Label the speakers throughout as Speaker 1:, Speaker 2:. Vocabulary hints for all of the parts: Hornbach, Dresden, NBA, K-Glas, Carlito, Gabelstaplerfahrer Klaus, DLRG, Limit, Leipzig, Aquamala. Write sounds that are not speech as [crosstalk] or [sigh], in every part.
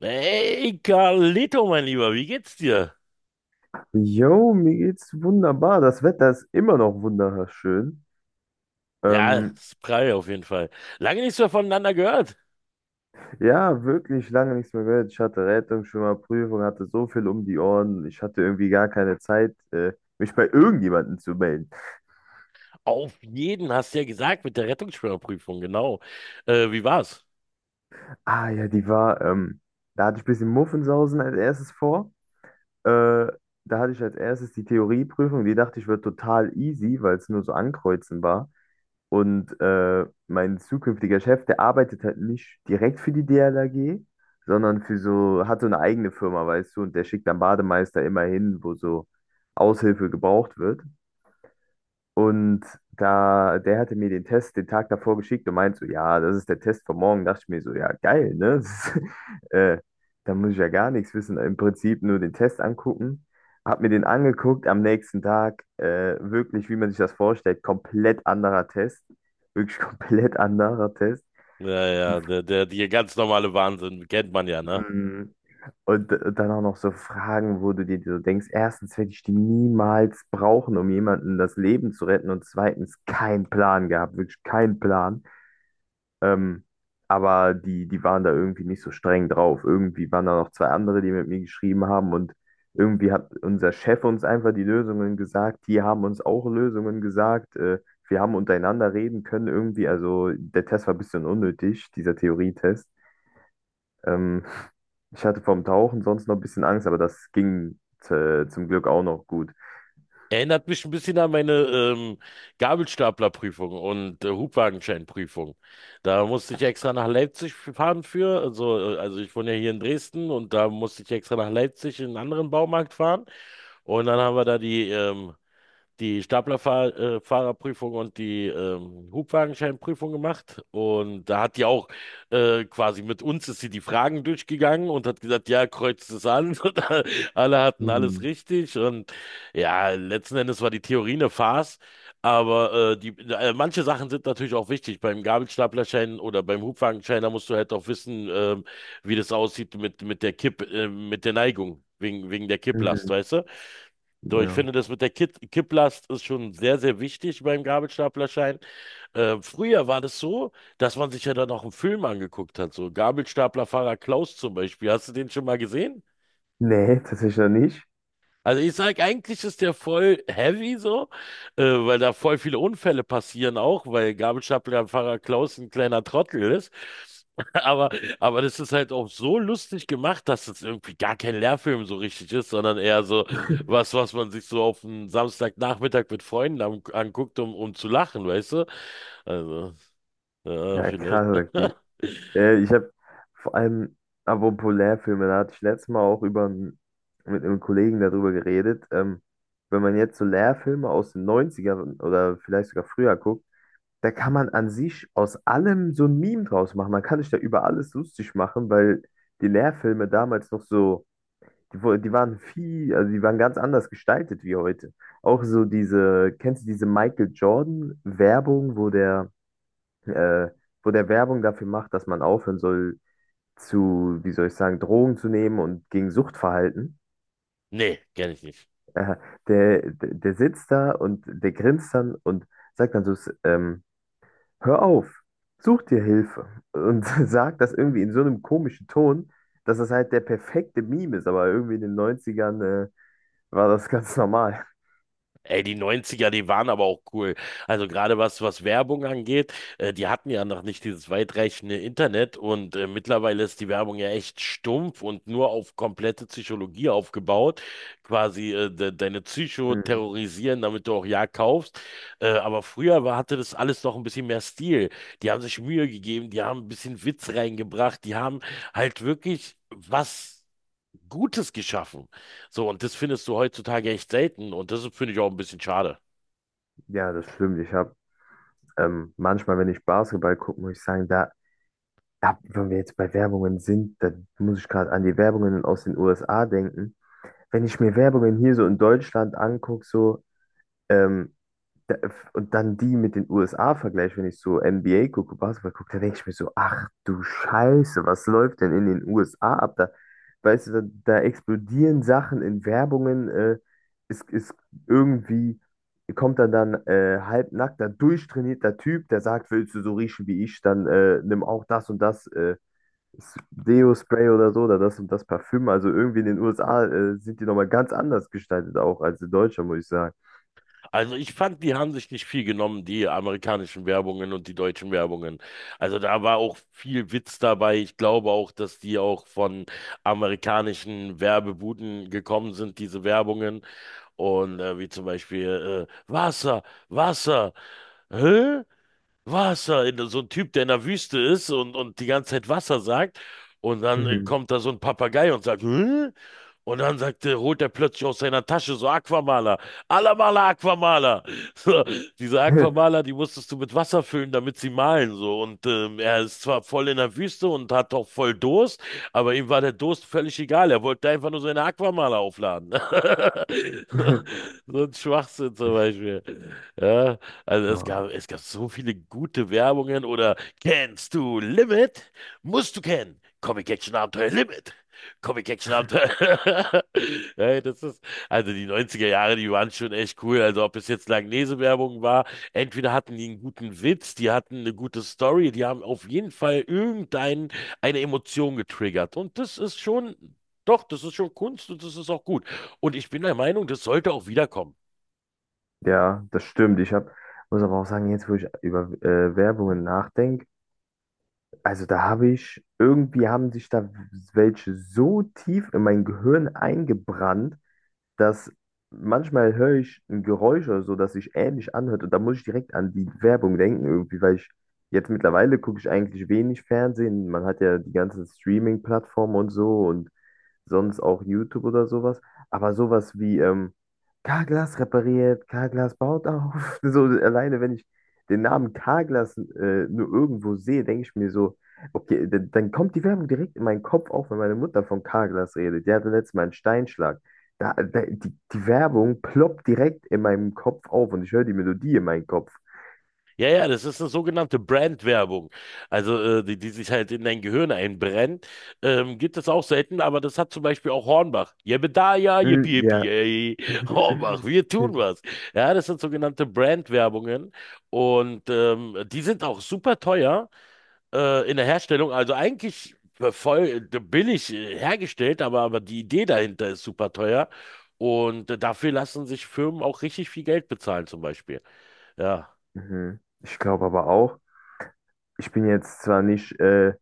Speaker 1: Hey, Carlito, mein Lieber, wie geht's dir?
Speaker 2: Jo, mir geht's wunderbar. Das Wetter ist immer noch wunderschön.
Speaker 1: Ja,
Speaker 2: Ähm,
Speaker 1: Spry auf jeden Fall. Lange nichts mehr voneinander gehört.
Speaker 2: ja, wirklich lange nichts mehr gehört. Ich hatte Rettungsschwimmer, Prüfung, hatte so viel um die Ohren. Ich hatte irgendwie gar keine Zeit, mich bei irgendjemandem zu melden.
Speaker 1: Auf jeden, hast du ja gesagt, mit der Rettungsschwimmerprüfung, genau. Wie war's?
Speaker 2: Ah ja, die war, da hatte ich ein bisschen Muffensausen als erstes vor. Äh, Da hatte ich als erstes die Theorieprüfung. Die dachte ich, wird total easy, weil es nur so ankreuzen war. Und mein zukünftiger Chef, der arbeitet halt nicht direkt für die DLRG, sondern für so, hat so eine eigene Firma, weißt du, und der schickt dann Bademeister immer hin, wo so Aushilfe gebraucht wird. Und da, der hatte mir den Test den Tag davor geschickt und meinte so, ja, das ist der Test von morgen. Dachte ich mir so, ja, geil, ne? [laughs] Das ist, da muss ich ja gar nichts wissen. Im Prinzip nur den Test angucken. Hab mir den angeguckt am nächsten Tag. Wirklich, wie man sich das vorstellt, komplett anderer Test. Wirklich [laughs] komplett anderer Test.
Speaker 1: Ja,
Speaker 2: Die,
Speaker 1: ja, der ganz normale Wahnsinn, kennt man ja, ne?
Speaker 2: mm, Dann auch noch so Fragen, wo du dir so denkst, erstens werde ich die niemals brauchen, um jemanden das Leben zu retten und zweitens keinen Plan gehabt, wirklich keinen Plan. Ähm, aber die waren da irgendwie nicht so streng drauf. Irgendwie waren da noch zwei andere, die mit mir geschrieben haben und irgendwie hat unser Chef uns einfach die Lösungen gesagt, die haben uns auch Lösungen gesagt. Wir haben untereinander reden können irgendwie. Also der Test war ein bisschen unnötig, dieser Theorietest. Ähm, Ich hatte vom Tauchen sonst noch ein bisschen Angst, aber das ging zum Glück auch noch gut.
Speaker 1: Erinnert mich ein bisschen an meine Gabelstaplerprüfung und Hubwagenscheinprüfung. Da musste ich extra nach Leipzig fahren für. Also ich wohne ja hier in Dresden und da musste ich extra nach Leipzig in einen anderen Baumarkt fahren. Und dann haben wir da die die Staplerfahrerprüfung und die Hubwagenscheinprüfung gemacht. Und da hat die auch quasi mit uns ist sie die Fragen durchgegangen und hat gesagt, ja, kreuzt es an. [laughs] Und alle hatten alles
Speaker 2: Mhm.
Speaker 1: richtig. Und ja, letzten Endes war die Theorie eine Farce. Aber manche Sachen sind natürlich auch wichtig. Beim Gabelstaplerschein oder beim Hubwagenschein, da musst du halt auch wissen, wie das aussieht mit der mit der Neigung, wegen der Kipplast,
Speaker 2: Mhm.
Speaker 1: weißt du? So, ich
Speaker 2: Ja.
Speaker 1: finde, das mit der Kipplast ist schon sehr, sehr wichtig beim Gabelstaplerschein. Früher war das so, dass man sich ja dann auch einen Film angeguckt hat. So Gabelstaplerfahrer Klaus zum Beispiel. Hast du den schon mal gesehen?
Speaker 2: Nee, [laughs] tatsächlich noch nicht.
Speaker 1: Also ich sag, eigentlich ist der voll heavy so, weil da voll viele Unfälle passieren auch, weil Gabelstaplerfahrer Klaus ein kleiner Trottel ist. [laughs] Aber, aber das ist halt auch so lustig gemacht, dass es irgendwie gar kein Lehrfilm so richtig ist, sondern eher so was, was man sich so auf einen Samstagnachmittag mit Freunden anguckt, um zu lachen, weißt du? Also, ja,
Speaker 2: Ja,
Speaker 1: vielleicht.
Speaker 2: krass,
Speaker 1: [laughs]
Speaker 2: okay. Ich habe vor allem apropos Lehrfilme, da hatte ich letztes Mal auch mit einem Kollegen darüber geredet. Wenn man jetzt so Lehrfilme aus den Neunzigern oder vielleicht sogar früher guckt, da kann man an sich aus allem so ein Meme draus machen. Man kann sich da über alles lustig machen, weil die Lehrfilme damals noch so. Die waren viel, also die waren ganz anders gestaltet wie heute. Auch so diese, kennst du diese Michael Jordan-Werbung, äh, wo der Werbung dafür macht, dass man aufhören soll zu, wie soll ich sagen, Drogen zu nehmen und gegen Suchtverhalten?
Speaker 1: Nee, kenne ich nicht.
Speaker 2: Äh, der sitzt da und der grinst dann und sagt dann so, hör auf, such dir Hilfe. Und [laughs] sagt das irgendwie in so einem komischen Ton, dass das halt der perfekte Meme ist, aber irgendwie in den Neunzigern war das ganz normal.
Speaker 1: Ey, die Neunziger, die waren aber auch cool. Also gerade was Werbung angeht, die hatten ja noch nicht dieses weitreichende Internet und mittlerweile ist die Werbung ja echt stumpf und nur auf komplette Psychologie aufgebaut. Quasi de deine Psycho
Speaker 2: Hm,
Speaker 1: terrorisieren, damit du auch ja kaufst. Aber früher hatte das alles noch ein bisschen mehr Stil. Die haben sich Mühe gegeben, die haben ein bisschen Witz reingebracht, die haben halt wirklich was Gutes geschaffen. So, und das findest du heutzutage echt selten und das finde ich auch ein bisschen schade.
Speaker 2: ja, das stimmt. Ich habe manchmal, wenn ich Basketball gucke, muss ich sagen, da, da, wenn wir jetzt bei Werbungen sind, da muss ich gerade an die Werbungen aus den USA denken. Wenn ich mir Werbungen hier so in Deutschland angucke, so ähm, Da- und dann die mit den USA vergleiche, wenn ich so NBA gucke, Basketball gucke, da denke ich mir so, ach du Scheiße, was läuft denn in den USA ab? Da, weißt du, da, da explodieren Sachen in Werbungen, ist, ist irgendwie, kommt dann halbnackter, durchtrainierter Typ, der sagt, willst du so riechen wie ich, dann nimm auch das und das Deo-Spray oder so, oder das und das Parfüm. Also irgendwie in den USA sind die nochmal ganz anders gestaltet auch als in Deutschland, muss ich sagen.
Speaker 1: Also ich fand, die haben sich nicht viel genommen, die amerikanischen Werbungen und die deutschen Werbungen. Also da war auch viel Witz dabei. Ich glaube auch, dass die auch von amerikanischen Werbebuden gekommen sind, diese Werbungen. Und wie zum Beispiel Wasser, Wasser, hä? Wasser, in, so ein Typ, der in der Wüste ist und die ganze Zeit Wasser sagt. Und dann
Speaker 2: Mhm.
Speaker 1: kommt da so ein Papagei und sagt, hä? Und dann sagt, holt er plötzlich aus seiner Tasche so Aquamaler. Alamala Aquamala. [laughs] So, diese Aquamala, die musstest du mit Wasser füllen, damit sie malen. So. Und er ist zwar voll in der Wüste und hat auch voll Durst, aber ihm war der Durst völlig egal. Er wollte einfach nur seine Aquamala aufladen. [laughs]
Speaker 2: [laughs]
Speaker 1: So ein Schwachsinn zum
Speaker 2: Ich,
Speaker 1: Beispiel. Ja, also es
Speaker 2: war-
Speaker 1: gab, es gab so viele gute Werbungen oder kennst du Limit? Musst du kennen. Comic Action Abenteuer Limit. Comic Action Abend. [laughs] Hey, das ist, also die neunziger Jahre, die waren schon echt cool. Also ob es jetzt Langnese-Werbung war, entweder hatten die einen guten Witz, die hatten eine gute Story, die haben auf jeden Fall irgendeine eine Emotion getriggert. Und das ist schon, doch, das ist schon Kunst und das ist auch gut. Und ich bin der Meinung, das sollte auch wiederkommen.
Speaker 2: ja, das stimmt. Ich hab, muss aber auch sagen, jetzt, wo ich über Werbungen nachdenke, also da habe ich, irgendwie haben sich da welche so tief in mein Gehirn eingebrannt, dass manchmal höre ich ein Geräusch oder so, das sich ähnlich anhört und da muss ich direkt an die Werbung denken irgendwie, weil ich jetzt mittlerweile gucke ich eigentlich wenig Fernsehen. Man hat ja die ganzen Streaming-Plattformen und so und sonst auch YouTube oder sowas. Aber sowas wie K-Glas repariert, K-Glas baut auf. [laughs] So alleine, wenn ich den Namen K-Glas nur irgendwo sehe, denke ich mir so, okay, dann kommt die Werbung direkt in meinen Kopf auf, wenn meine Mutter von K-Glas redet. Die hatte letztes Mal einen Steinschlag. Da, da, die Werbung ploppt direkt in meinem Kopf auf und ich höre die Melodie in meinem Kopf.
Speaker 1: Ja, ja, das ist eine sogenannte Brandwerbung. Also, die sich halt in dein Gehirn einbrennt. Gibt es auch selten, aber das hat zum Beispiel auch Hornbach. Jebedaya,
Speaker 2: Hm,
Speaker 1: yippie, yippie,
Speaker 2: ja.
Speaker 1: ey. [laughs] Hornbach,
Speaker 2: [laughs]
Speaker 1: wir tun was. Ja, das sind sogenannte Brandwerbungen. Und die sind auch super teuer in der Herstellung. Also eigentlich voll billig hergestellt, aber die Idee dahinter ist super teuer. Und dafür lassen sich Firmen auch richtig viel Geld bezahlen, zum Beispiel. Ja.
Speaker 2: Mhm. Ich glaube aber auch, ich bin jetzt zwar nicht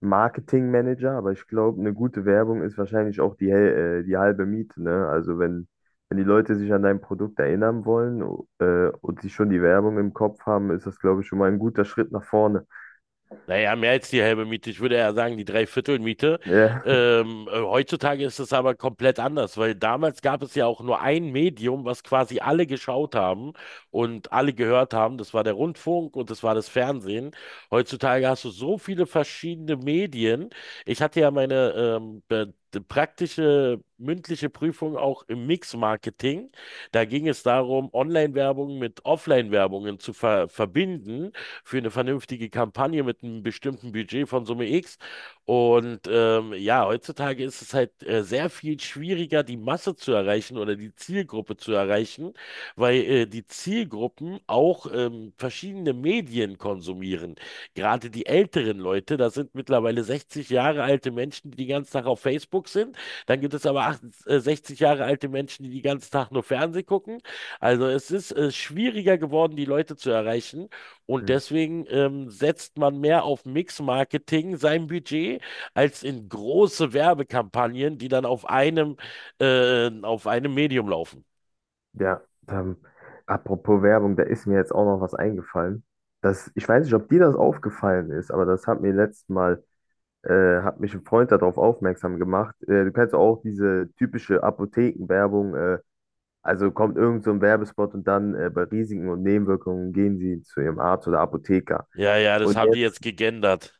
Speaker 2: Marketingmanager, aber ich glaube, eine gute Werbung ist wahrscheinlich auch die halbe Miete, ne? Also wenn, wenn die Leute sich an dein Produkt erinnern wollen, und sie schon die Werbung im Kopf haben, ist das, glaube ich, schon mal ein guter Schritt nach vorne.
Speaker 1: Naja, mehr als die halbe Miete. Ich würde eher sagen, die Dreiviertelmiete.
Speaker 2: [laughs] Ja,
Speaker 1: Heutzutage ist es aber komplett anders, weil damals gab es ja auch nur ein Medium, was quasi alle geschaut haben und alle gehört haben. Das war der Rundfunk und das war das Fernsehen. Heutzutage hast du so viele verschiedene Medien. Ich hatte ja meine praktische mündliche Prüfung auch im Mix-Marketing. Da ging es darum, Online-Werbung mit Offline-Werbungen zu verbinden für eine vernünftige Kampagne mit einem bestimmten Budget von Summe X. Und ja, heutzutage ist es halt sehr viel schwieriger, die Masse zu erreichen oder die Zielgruppe zu erreichen, weil die Zielgruppen auch verschiedene Medien konsumieren. Gerade die älteren Leute, das sind mittlerweile 60 Jahre alte Menschen, die den ganzen Tag auf Facebook sind. Dann gibt es aber 60 Jahre alte Menschen, die den ganzen Tag nur Fernsehen gucken. Also es ist schwieriger geworden, die Leute zu erreichen. Und
Speaker 2: hm,
Speaker 1: deswegen setzt man mehr auf Mix-Marketing sein Budget als in große Werbekampagnen, die dann auf einem Medium laufen.
Speaker 2: ja. Ähm, Apropos Werbung, da ist mir jetzt auch noch was eingefallen. Das, ich weiß nicht, ob dir das aufgefallen ist, aber das hat mir letztes Mal, hat mich ein Freund darauf aufmerksam gemacht. Du kennst auch diese typische Apothekenwerbung, also kommt irgend so ein Werbespot und dann bei Risiken und Nebenwirkungen gehen Sie zu Ihrem Arzt oder Apotheker.
Speaker 1: Ja, ja, das
Speaker 2: Und
Speaker 1: haben die jetzt
Speaker 2: jetzt,
Speaker 1: gegendert.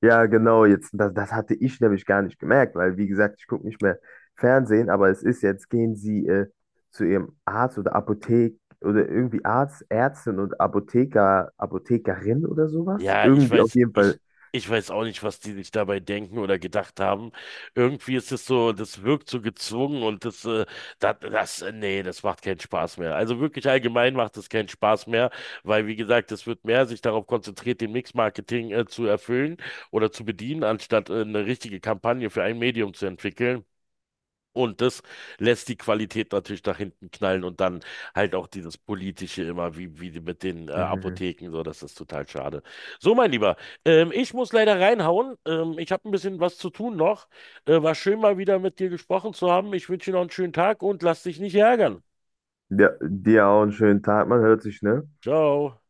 Speaker 2: ja genau, jetzt, das, das hatte ich nämlich gar nicht gemerkt, weil wie gesagt, ich gucke nicht mehr Fernsehen, aber es ist jetzt, gehen Sie zu Ihrem Arzt oder Apothek oder irgendwie Arzt, Ärztin und Apotheker, Apothekerin oder sowas.
Speaker 1: Ja,
Speaker 2: Irgendwie auf jeden Fall.
Speaker 1: ich weiß auch nicht, was die sich dabei denken oder gedacht haben. Irgendwie ist es so, das wirkt so gezwungen und nee, das macht keinen Spaß mehr. Also wirklich allgemein macht es keinen Spaß mehr, weil, wie gesagt, es wird mehr sich darauf konzentriert, den Mix-Marketing zu erfüllen oder zu bedienen, anstatt, eine richtige Kampagne für ein Medium zu entwickeln. Und das lässt die Qualität natürlich nach hinten knallen und dann halt auch dieses Politische immer, wie die mit den
Speaker 2: Mhm.
Speaker 1: Apotheken, so, das ist total schade. So, mein Lieber, ich muss leider reinhauen. Ich habe ein bisschen was zu tun noch. War schön, mal wieder mit dir gesprochen zu haben. Ich wünsche dir noch einen schönen Tag und lass dich nicht ärgern.
Speaker 2: Ja, dir auch einen schönen Tag, man hört sich, ne?
Speaker 1: Ciao.